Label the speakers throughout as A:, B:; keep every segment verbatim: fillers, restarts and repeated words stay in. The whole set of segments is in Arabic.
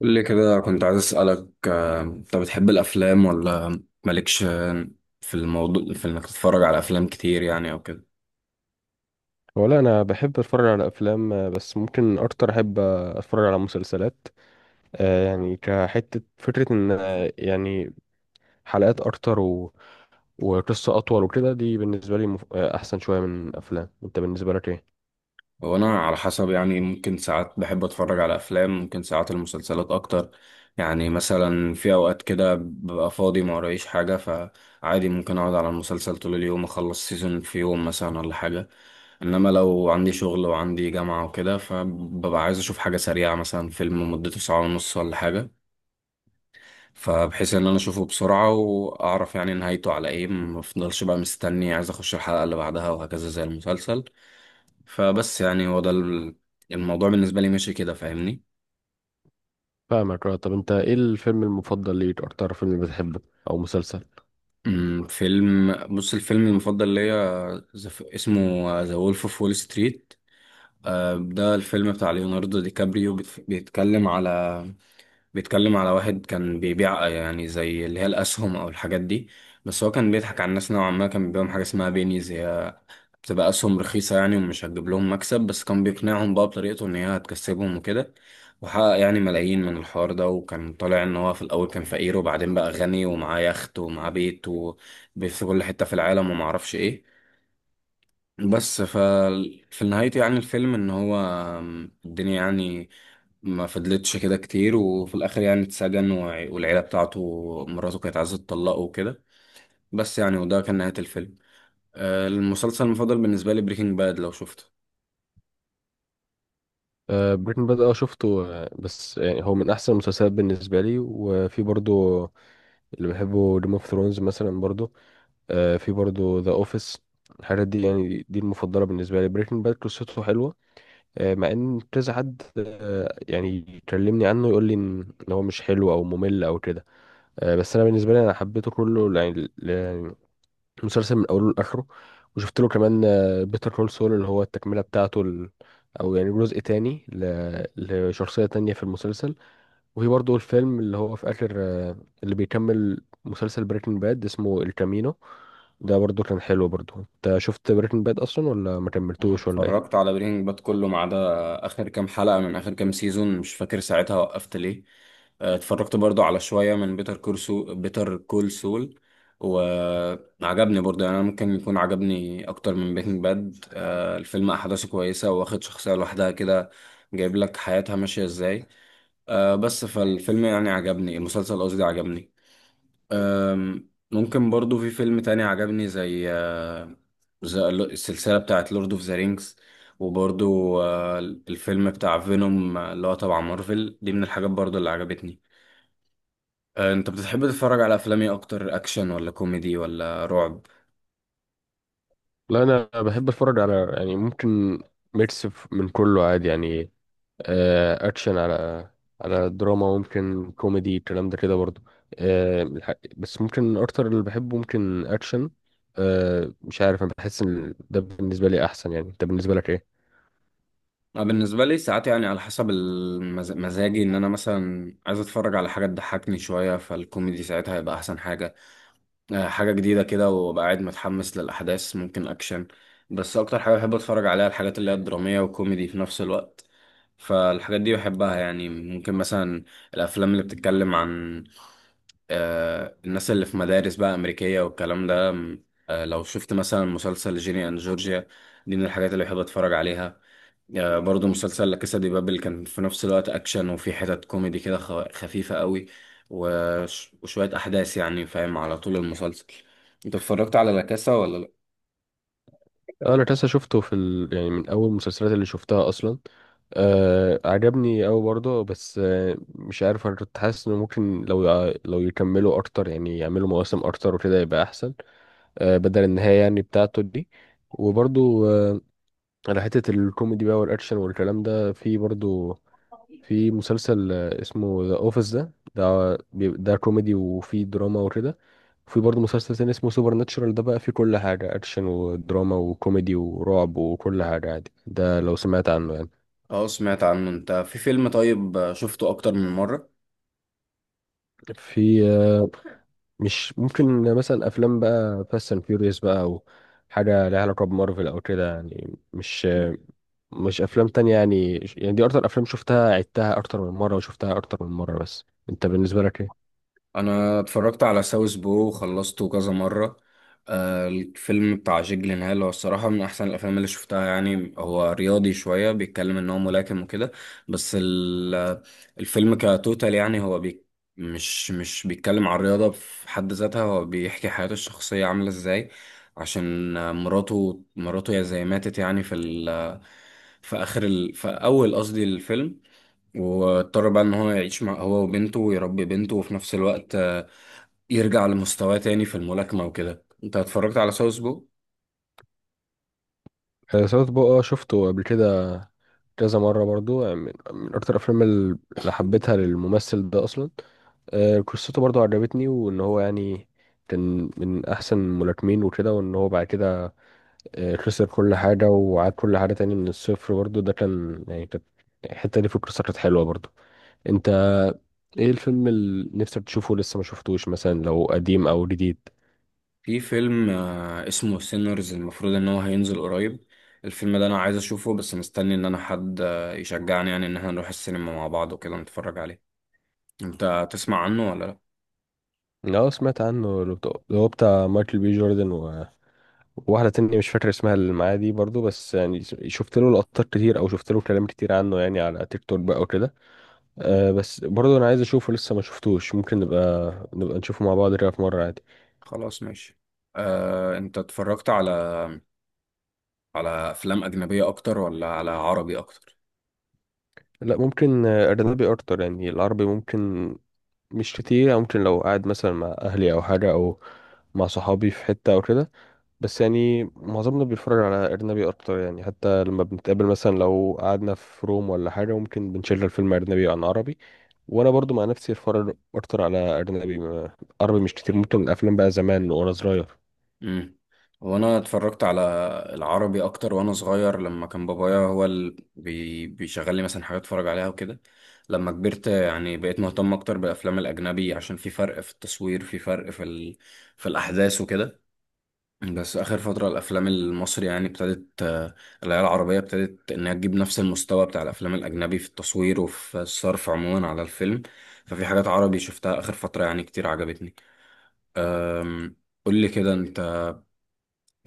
A: قول لي كده كنت عايز أسألك، آه، انت بتحب الافلام ولا مالكش في الموضوع في انك تتفرج على افلام كتير يعني او كده؟
B: ولا انا بحب اتفرج على افلام، آه، بس ممكن اكتر احب آه، اتفرج على مسلسلات. آه، يعني كحته فكره ان آه، يعني حلقات اكتر و... وقصه اطول وكده، دي بالنسبه لي مف... آه، احسن شويه من الافلام. انت بالنسبه لك ايه؟
A: هو انا على حسب يعني ممكن ساعات بحب اتفرج على افلام، ممكن ساعات المسلسلات اكتر. يعني مثلا في اوقات كده ببقى فاضي ما ورايش حاجة، فعادي ممكن اقعد على المسلسل طول اليوم، اخلص سيزون في يوم مثلا ولا حاجة. انما لو عندي شغل وعندي جامعة وكده، فببقى عايز اشوف حاجة سريعة، مثلا فيلم مدته ساعة ونص ولا حاجة. فبحيث ان انا اشوفه بسرعة واعرف يعني نهايته على ايه، ما افضلش بقى مستني عايز اخش الحلقة اللي بعدها وهكذا زي المسلسل. فبس يعني هو ده ال- الموضوع بالنسبة لي، ماشي كده؟ فاهمني.
B: فاهمك. اه، طب انت ايه الفيلم المفضل ليك؟ اكتر فيلم بتحبه او مسلسل؟
A: أمم، فيلم، بص الفيلم المفضل ليا ز- اسمه ذا وولف اوف وول ستريت. آه، ده الفيلم بتاع ليوناردو دي كابريو، بيت- بيتكلم على بيتكلم على واحد كان بيبيع يعني زي اللي هي الأسهم أو الحاجات دي، بس هو كان بيضحك على الناس نوعا ما. كان بيبيعهم حاجة اسمها بينيز، هي بتبقى أسهم رخيصة يعني، ومش هتجيب لهم مكسب، بس كان بيقنعهم بقى بطريقته إن هي هتكسبهم وكده. وحقق يعني ملايين من الحوار ده، وكان طالع إن هو في الأول كان فقير وبعدين بقى غني، ومعاه يخت ومعاه بيت، وبيت في كل حتة في العالم ومعرفش إيه. بس ف في نهايته يعني الفيلم، إن هو الدنيا يعني ما فضلتش كده كتير، وفي الآخر يعني اتسجن، وع- والعيلة بتاعته، مراته كانت عايزة تطلقه وكده. بس يعني وده كان نهاية الفيلم. آه، المسلسل المفضل بالنسبة لي بريكنج باد، لو شفته.
B: آه، بريكنج باد. اه، شفته. آه، بس يعني هو من احسن المسلسلات بالنسبه لي، وفي برضو اللي بحبه جيم اوف ثرونز مثلا برضو، آه، في برضو ذا اوفيس. الحاجات دي يعني دي المفضله بالنسبه لي. بريكنج باد قصته حلوه، آه، مع ان كذا حد آه، يعني يكلمني عنه يقول لي ان إن هو مش حلو او ممل او كده. آه، بس انا بالنسبه لي انا حبيته كله يعني، ل- يعني المسلسل من اوله لاخره. وشفت له كمان بيتر كول سول، اللي هو التكمله بتاعته، ال- او يعني جزء تاني ل- لشخصيه تانية في المسلسل. وفي برضه الفيلم اللي هو في آخر، آه، اللي بيكمل مسلسل بريكنج باد، اسمه الكامينو. ده برضه كان حلو برضه. انت شفت بريكنج باد اصلا ولا ما
A: أنا
B: كملتوش ولا ايه؟
A: اتفرجت على برينج باد كله ما عدا آخر كام حلقة من آخر كام سيزون، مش فاكر ساعتها وقفت ليه. آه، اتفرجت برضو على شوية من بيتر كورسو بيتر كول سول، وعجبني برضو يعني. أنا ممكن يكون عجبني أكتر من برينج باد. آه، الفيلم أحداثه كويسة، واخد شخصية لوحدها كده، جايب لك حياتها ماشية إزاي. آه، بس فالفيلم يعني عجبني، المسلسل قصدي عجبني. أم، ممكن برضو في فيلم تاني عجبني، زي آه، زي ال- السلسلة بتاعت لورد اوف ذا رينجز. وبرضو آه، الفيلم بتاع فينوم اللي هو تبع مارفل، دي من الحاجات برضو اللي عجبتني. آه، انت بتحب تتفرج على افلام ايه اكتر؟ اكشن ولا كوميدي ولا رعب؟
B: لا، انا بحب اتفرج على يعني ممكن ميكس ف- من كله عادي يعني. آه، اكشن، على على دراما، ممكن كوميدي، الكلام ده كده برضه. آه، الح- بس ممكن اكتر اللي بحبه ممكن اكشن. آه، مش عارف، انا بحس ان ده بالنسبه لي احسن يعني. انت بالنسبه لك ايه؟
A: أنا بالنسبة لي ساعات يعني على حسب المز- مزاجي. ان انا مثلا عايز اتفرج على حاجة تضحكني شوية، فالكوميدي ساعتها هيبقى احسن حاجة. آه، حاجة جديدة كده وأبقى قاعد متحمس للأحداث، ممكن أكشن. بس أكتر حاجة بحب أتفرج عليها الحاجات اللي هي الدرامية وكوميدي في نفس الوقت. فالحاجات دي بحبها يعني، ممكن مثلا الأفلام اللي بتتكلم عن آه، الناس اللي في مدارس بقى أمريكية والكلام ده. آه، لو شفت مثلا مسلسل جيني أند جورجيا، دي من الحاجات اللي بحب أتفرج عليها. آه، برضو مسلسل لا كاسا دي بابل، كان في نفس الوقت اكشن، وفي حتت كوميدي كده خ- خفيفه قوي، وش- وشويه احداث يعني فاهم على طول المسلسل. انت اتفرجت على لا كاسا ولا لا؟
B: اه، انا تاسا شفته في ال... يعني من اول المسلسلات اللي شفتها اصلا. آه، عجبني اوي برضه، بس آه مش عارف، انا كنت حاسس انه ممكن لو يع- لو يكملوا اكتر يعني يعملوا مواسم اكتر وكده يبقى احسن، آه بدل النهاية يعني بتاعته دي. وبرضه آه على حتة الكوميدي بقى والاكشن والكلام ده، في برضه في مسلسل آه، اسمه ذا اوفيس، ده ده بي- ده كوميدي وفي دراما وكده. في برضه مسلسل تاني اسمه سوبر ناتشورال، ده بقى فيه كل حاجة، أكشن ودراما وكوميدي ورعب وكل حاجة عادي، ده لو سمعت عنه يعني.
A: اه، سمعت عنه. انت في فيلم طيب آه، شفته اكتر من مره؟
B: في آه، مش ممكن مثلا أفلام بقى فاست أند فيوريوس بقى، أو حاجة ليها علاقة بمارفل أو كده يعني، مش آه، مش أفلام تانية يعني يعني دي أكتر أفلام شفتها، عدتها أكتر من مرة وشفتها أكتر من مرة. بس أنت بالنسبة لك إيه؟
A: انا اتفرجت على ساوث بو، وخلصته كذا مره. آه، الفيلم بتاع جيك جيلنهال هو الصراحه من احسن الافلام اللي شفتها يعني. هو رياضي شويه، بيتكلم ان هو ملاكم وكده، بس ال- الفيلم كتوتال يعني، هو بي مش مش بيتكلم عن الرياضه في حد ذاتها، هو بيحكي حياته الشخصيه عامله ازاي. عشان آه، مراته مراته يا زي ماتت يعني في ال في اخر ال في اول قصدي الفيلم. واضطر بقى ان هو يعيش مع هو وبنته، ويربي بنته، وفي نفس الوقت آه، يرجع لمستواه تاني في الملاكمة وكده. انت اتفرجت على ساوث بو؟
B: آه، ساوث بو. اه، شفته قبل كده كذا مرة برضو يعني، من, من أكتر الأفلام ال- اللي حبيتها للممثل ده أصلا. آه، قصته برضو عجبتني، وإن هو يعني كان من أحسن الملاكمين وكده، وإن هو بعد كده آه، خسر كل حاجة وعاد كل حاجة تاني من الصفر برضو. ده كان يعني كانت الحتة دي في القصة كانت حلوة برضو. أنت إيه الفيلم اللي نفسك تشوفه لسه ما شفتوش، مثلا لو قديم أو جديد؟
A: في فيلم آه، اسمه سينرز، المفروض ان هو هينزل قريب. الفيلم ده انا عايز اشوفه، بس مستني ان انا حد آه، يشجعني يعني ان احنا نروح السينما مع بعض وكده نتفرج عليه. انت تسمع عنه ولا لا؟
B: أه، سمعت عنه، اللي بتاع- اللي هو بتاع مايكل بي جوردن، واحدة تانية مش فاكر اسمها اللي معايا دي برضو. بس يعني شفت له لقطات كتير او شفت له كلام كتير عنه يعني، على تيك توك بقى وكده. أه، بس برضو انا عايز اشوفه، لسه ما شفتوش. ممكن نبقى نبقى نشوفه مع بعض كده في مرة عادي.
A: خلاص، ماشي. آه، انت اتفرجت على على افلام اجنبية اكتر ولا على عربي اكتر؟
B: لا، ممكن آه، اجنبي اكتر يعني. العربي ممكن مش كتير يعني، ممكن لو قاعد مثلا مع اهلي او حاجة، او مع صحابي في حتة او كده. بس يعني معظمنا بيتفرج على أجنبي أكتر يعني، حتى لما بنتقابل مثلا لو قعدنا في روم ولا حاجة، ممكن بنشغل الفيلم أجنبي عن عربي. وأنا برضو مع نفسي أتفرج أكتر على أجنبي، ما- عربي مش كتير، ممكن الأفلام بقى زمان وأنا صغير.
A: امم وانا اتفرجت على العربي اكتر وانا صغير، لما كان بابايا هو اللي بي... بيشغل لي مثلا حاجات اتفرج عليها وكده. لما كبرت يعني بقيت مهتم اكتر بالافلام الاجنبي، عشان في فرق في التصوير، في فرق في ال... في الاحداث وكده. بس اخر فتره الافلام المصري يعني ابتدت، آه، العيال العربيه ابتدت انها تجيب نفس المستوى بتاع الافلام الاجنبي في التصوير وفي الصرف عموما على الفيلم. ففي حاجات عربي شفتها اخر فتره يعني كتير عجبتني. قول لي كده، انت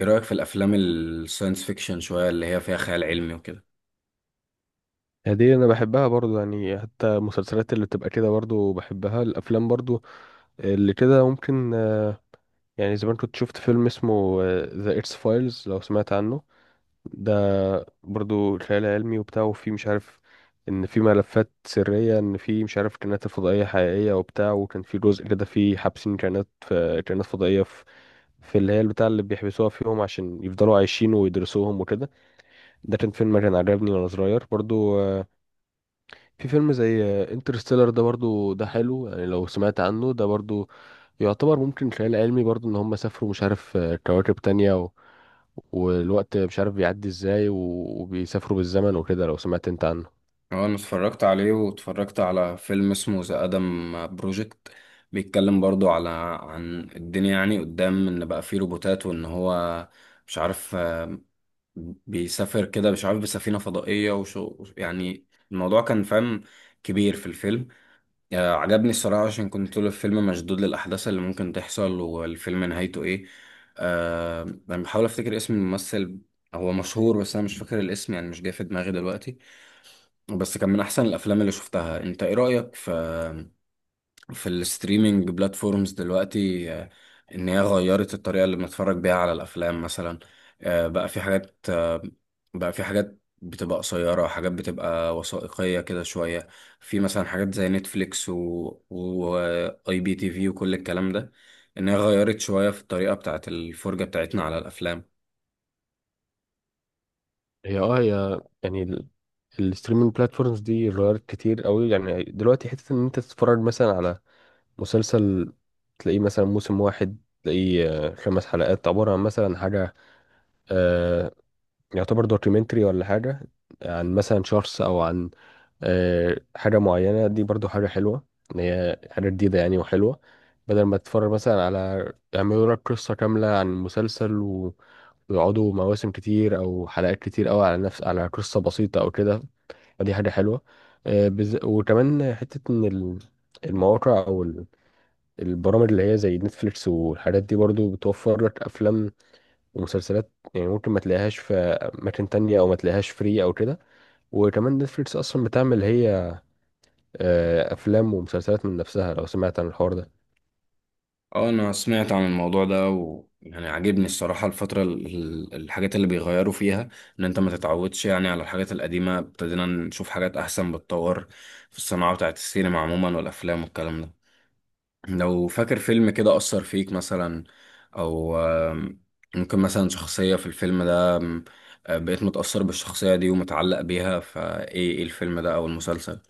A: ايه رأيك في الافلام الساينس فيكشن شوية اللي هي فيها خيال علمي وكده؟
B: هدي أنا بحبها برضو يعني، حتى المسلسلات اللي بتبقى كده برضو بحبها، الأفلام برضو اللي كده ممكن. آه، يعني زمان كنت شفت فيلم اسمه ذا إتس فايلز، لو سمعت عنه. ده برضو خيال علمي وبتاع، وفي مش عارف ان في ملفات سرية، ان في مش عارف كائنات الفضائية حقيقية وبتاع، وكان في جزء كده في حابسين كائنات في كائنات فضائية في, في اللي هي البتاع اللي بيحبسوها فيهم عشان يفضلوا عايشين ويدرسوهم وكده. ده كان فيلم كان عجبني وانا صغير برضو. آه، في فيلم زي انترستيلر، ده برضو ده حلو يعني، لو سمعت عنه. ده برضو يعتبر ممكن خيال علمي برضو، ان هم سافروا مش عارف آه، كواكب تانية، والوقت مش عارف بيعدي ازاي و- وبيسافروا بالزمن وكده. لو سمعت انت عنه؟
A: هو انا اتفرجت عليه، واتفرجت على فيلم اسمه ذا ادم بروجكت. بيتكلم برضو على عن الدنيا يعني قدام، ان بقى فيه روبوتات وان هو مش عارف آه، بيسافر كده مش عارف بسفينة فضائية وشو يعني. الموضوع كان فاهم كبير في الفيلم. آه، عجبني الصراحة، عشان كنت طول الفيلم مشدود للأحداث اللي ممكن تحصل، والفيلم نهايته إيه. آه أنا بحاول أفتكر اسم الممثل، هو مشهور بس أنا مش فاكر الاسم يعني، مش جاي في دماغي دلوقتي. بس كان من أحسن الأفلام اللي شفتها. أنت إيه رأيك في في الستريمينج بلاتفورمز دلوقتي؟ آه، ان هي غيرت الطريقة اللي بنتفرج بيها على الافلام مثلا. آه، بقى في حاجات، آه، بقى في حاجات بتبقى قصيرة، حاجات بتبقى وثائقية كده شوية، في مثلا حاجات زي نتفليكس و واي بي تي في وكل الكلام ده. ان هي غيرت شوية في الطريقة بتاعت الفرجة بتاعتنا على الافلام.
B: هي اه هي يعني الستريمينج بلاتفورمز دي غيرت كتير قوي يعني. دلوقتي حتة ان انت تتفرج مثلا على مسلسل، تلاقيه مثلا موسم واحد، تلاقيه آه، خمس حلقات عبارة عن مثلا حاجة آه، يعتبر دوكيومنتري ولا حاجة، عن مثلا شخص او عن آه، حاجة معينة. دي برضو حاجة حلوة، إن هي حاجة جديدة يعني وحلوة، بدل ما تتفرج مثلا على يعملوا لك قصة كاملة عن مسلسل و... ويقعدوا مواسم كتير أو حلقات كتير أوي على نفس، على قصة بسيطة أو كده. فدي حاجة حلوة. آه، بز... وكمان حتة إن ال- المواقع أو ال- البرامج اللي هي زي نتفليكس والحاجات دي برضو بتوفر لك أفلام ومسلسلات، يعني ممكن ما تلاقيهاش في أماكن تانية أو ما تلاقيهاش فري أو كده. وكمان نتفليكس أصلا بتعمل هي آه، افلام ومسلسلات من نفسها، لو سمعت عن الحوار ده.
A: اه، انا سمعت عن الموضوع ده، ويعني عاجبني الصراحة الفترة ال- ال- الحاجات اللي بيغيروا فيها. ان انت ما تتعودش يعني على الحاجات القديمة، ابتدينا نشوف حاجات احسن، بتطور في الصناعة بتاعت السينما عموما والافلام والكلام ده. لو فاكر فيلم كده اثر فيك مثلا، او آم، ممكن مثلا شخصية في الفيلم ده، آم، آه، بقيت متأثر بالشخصية دي ومتعلق بيها، فايه ايه الفيلم ده او المسلسل؟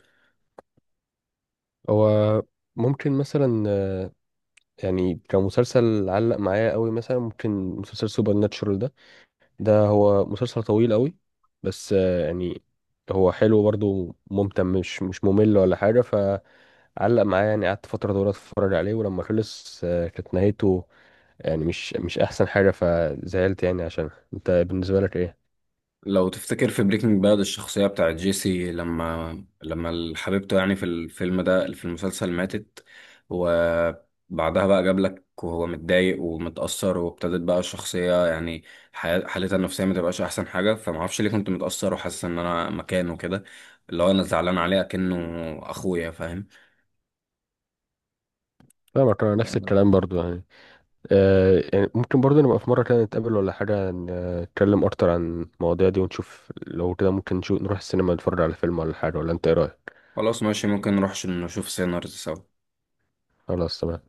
B: هو ممكن مثلا آه، يعني كمسلسل علق معايا قوي مثلا ممكن مسلسل سوبر ناتشورال ده ده هو مسلسل طويل قوي، بس آه، يعني هو حلو برضه ممتع، مش مش ممل ولا حاجة، فعلق معايا يعني. قعدت فترة طويلة اتفرج عليه، ولما خلص آه، كانت نهايته يعني مش مش احسن حاجة فزعلت يعني. عشان انت بالنسبة لك ايه؟
A: لو تفتكر في بريكنج باد، الشخصية بتاعت جيسي، لما لما حبيبته يعني في الفيلم ده في المسلسل ماتت، وبعدها بقى جاب لك وهو متضايق ومتأثر، وابتدت بقى الشخصية يعني حياة- حالتها النفسية ما تبقاش أحسن حاجة. فمعرفش ليه كنت متأثر وحاسس إن أنا مكانه كده، اللي هو أنا زعلان عليه أكنه أخويا، فاهم؟
B: فاهمك، انا نفس الكلام برضه يعني. آه يعني ممكن برضه نبقى في مرة كده نتقابل ولا حاجة، ن- نتكلم أكتر عن المواضيع دي ونشوف، لو كده ممكن نشوف نروح السينما نتفرج على فيلم ولا حاجة، ولا أنت إيه رأيك؟
A: خلاص ماشي، ممكن نروح نشوف سينارز سوا.
B: خلاص تمام.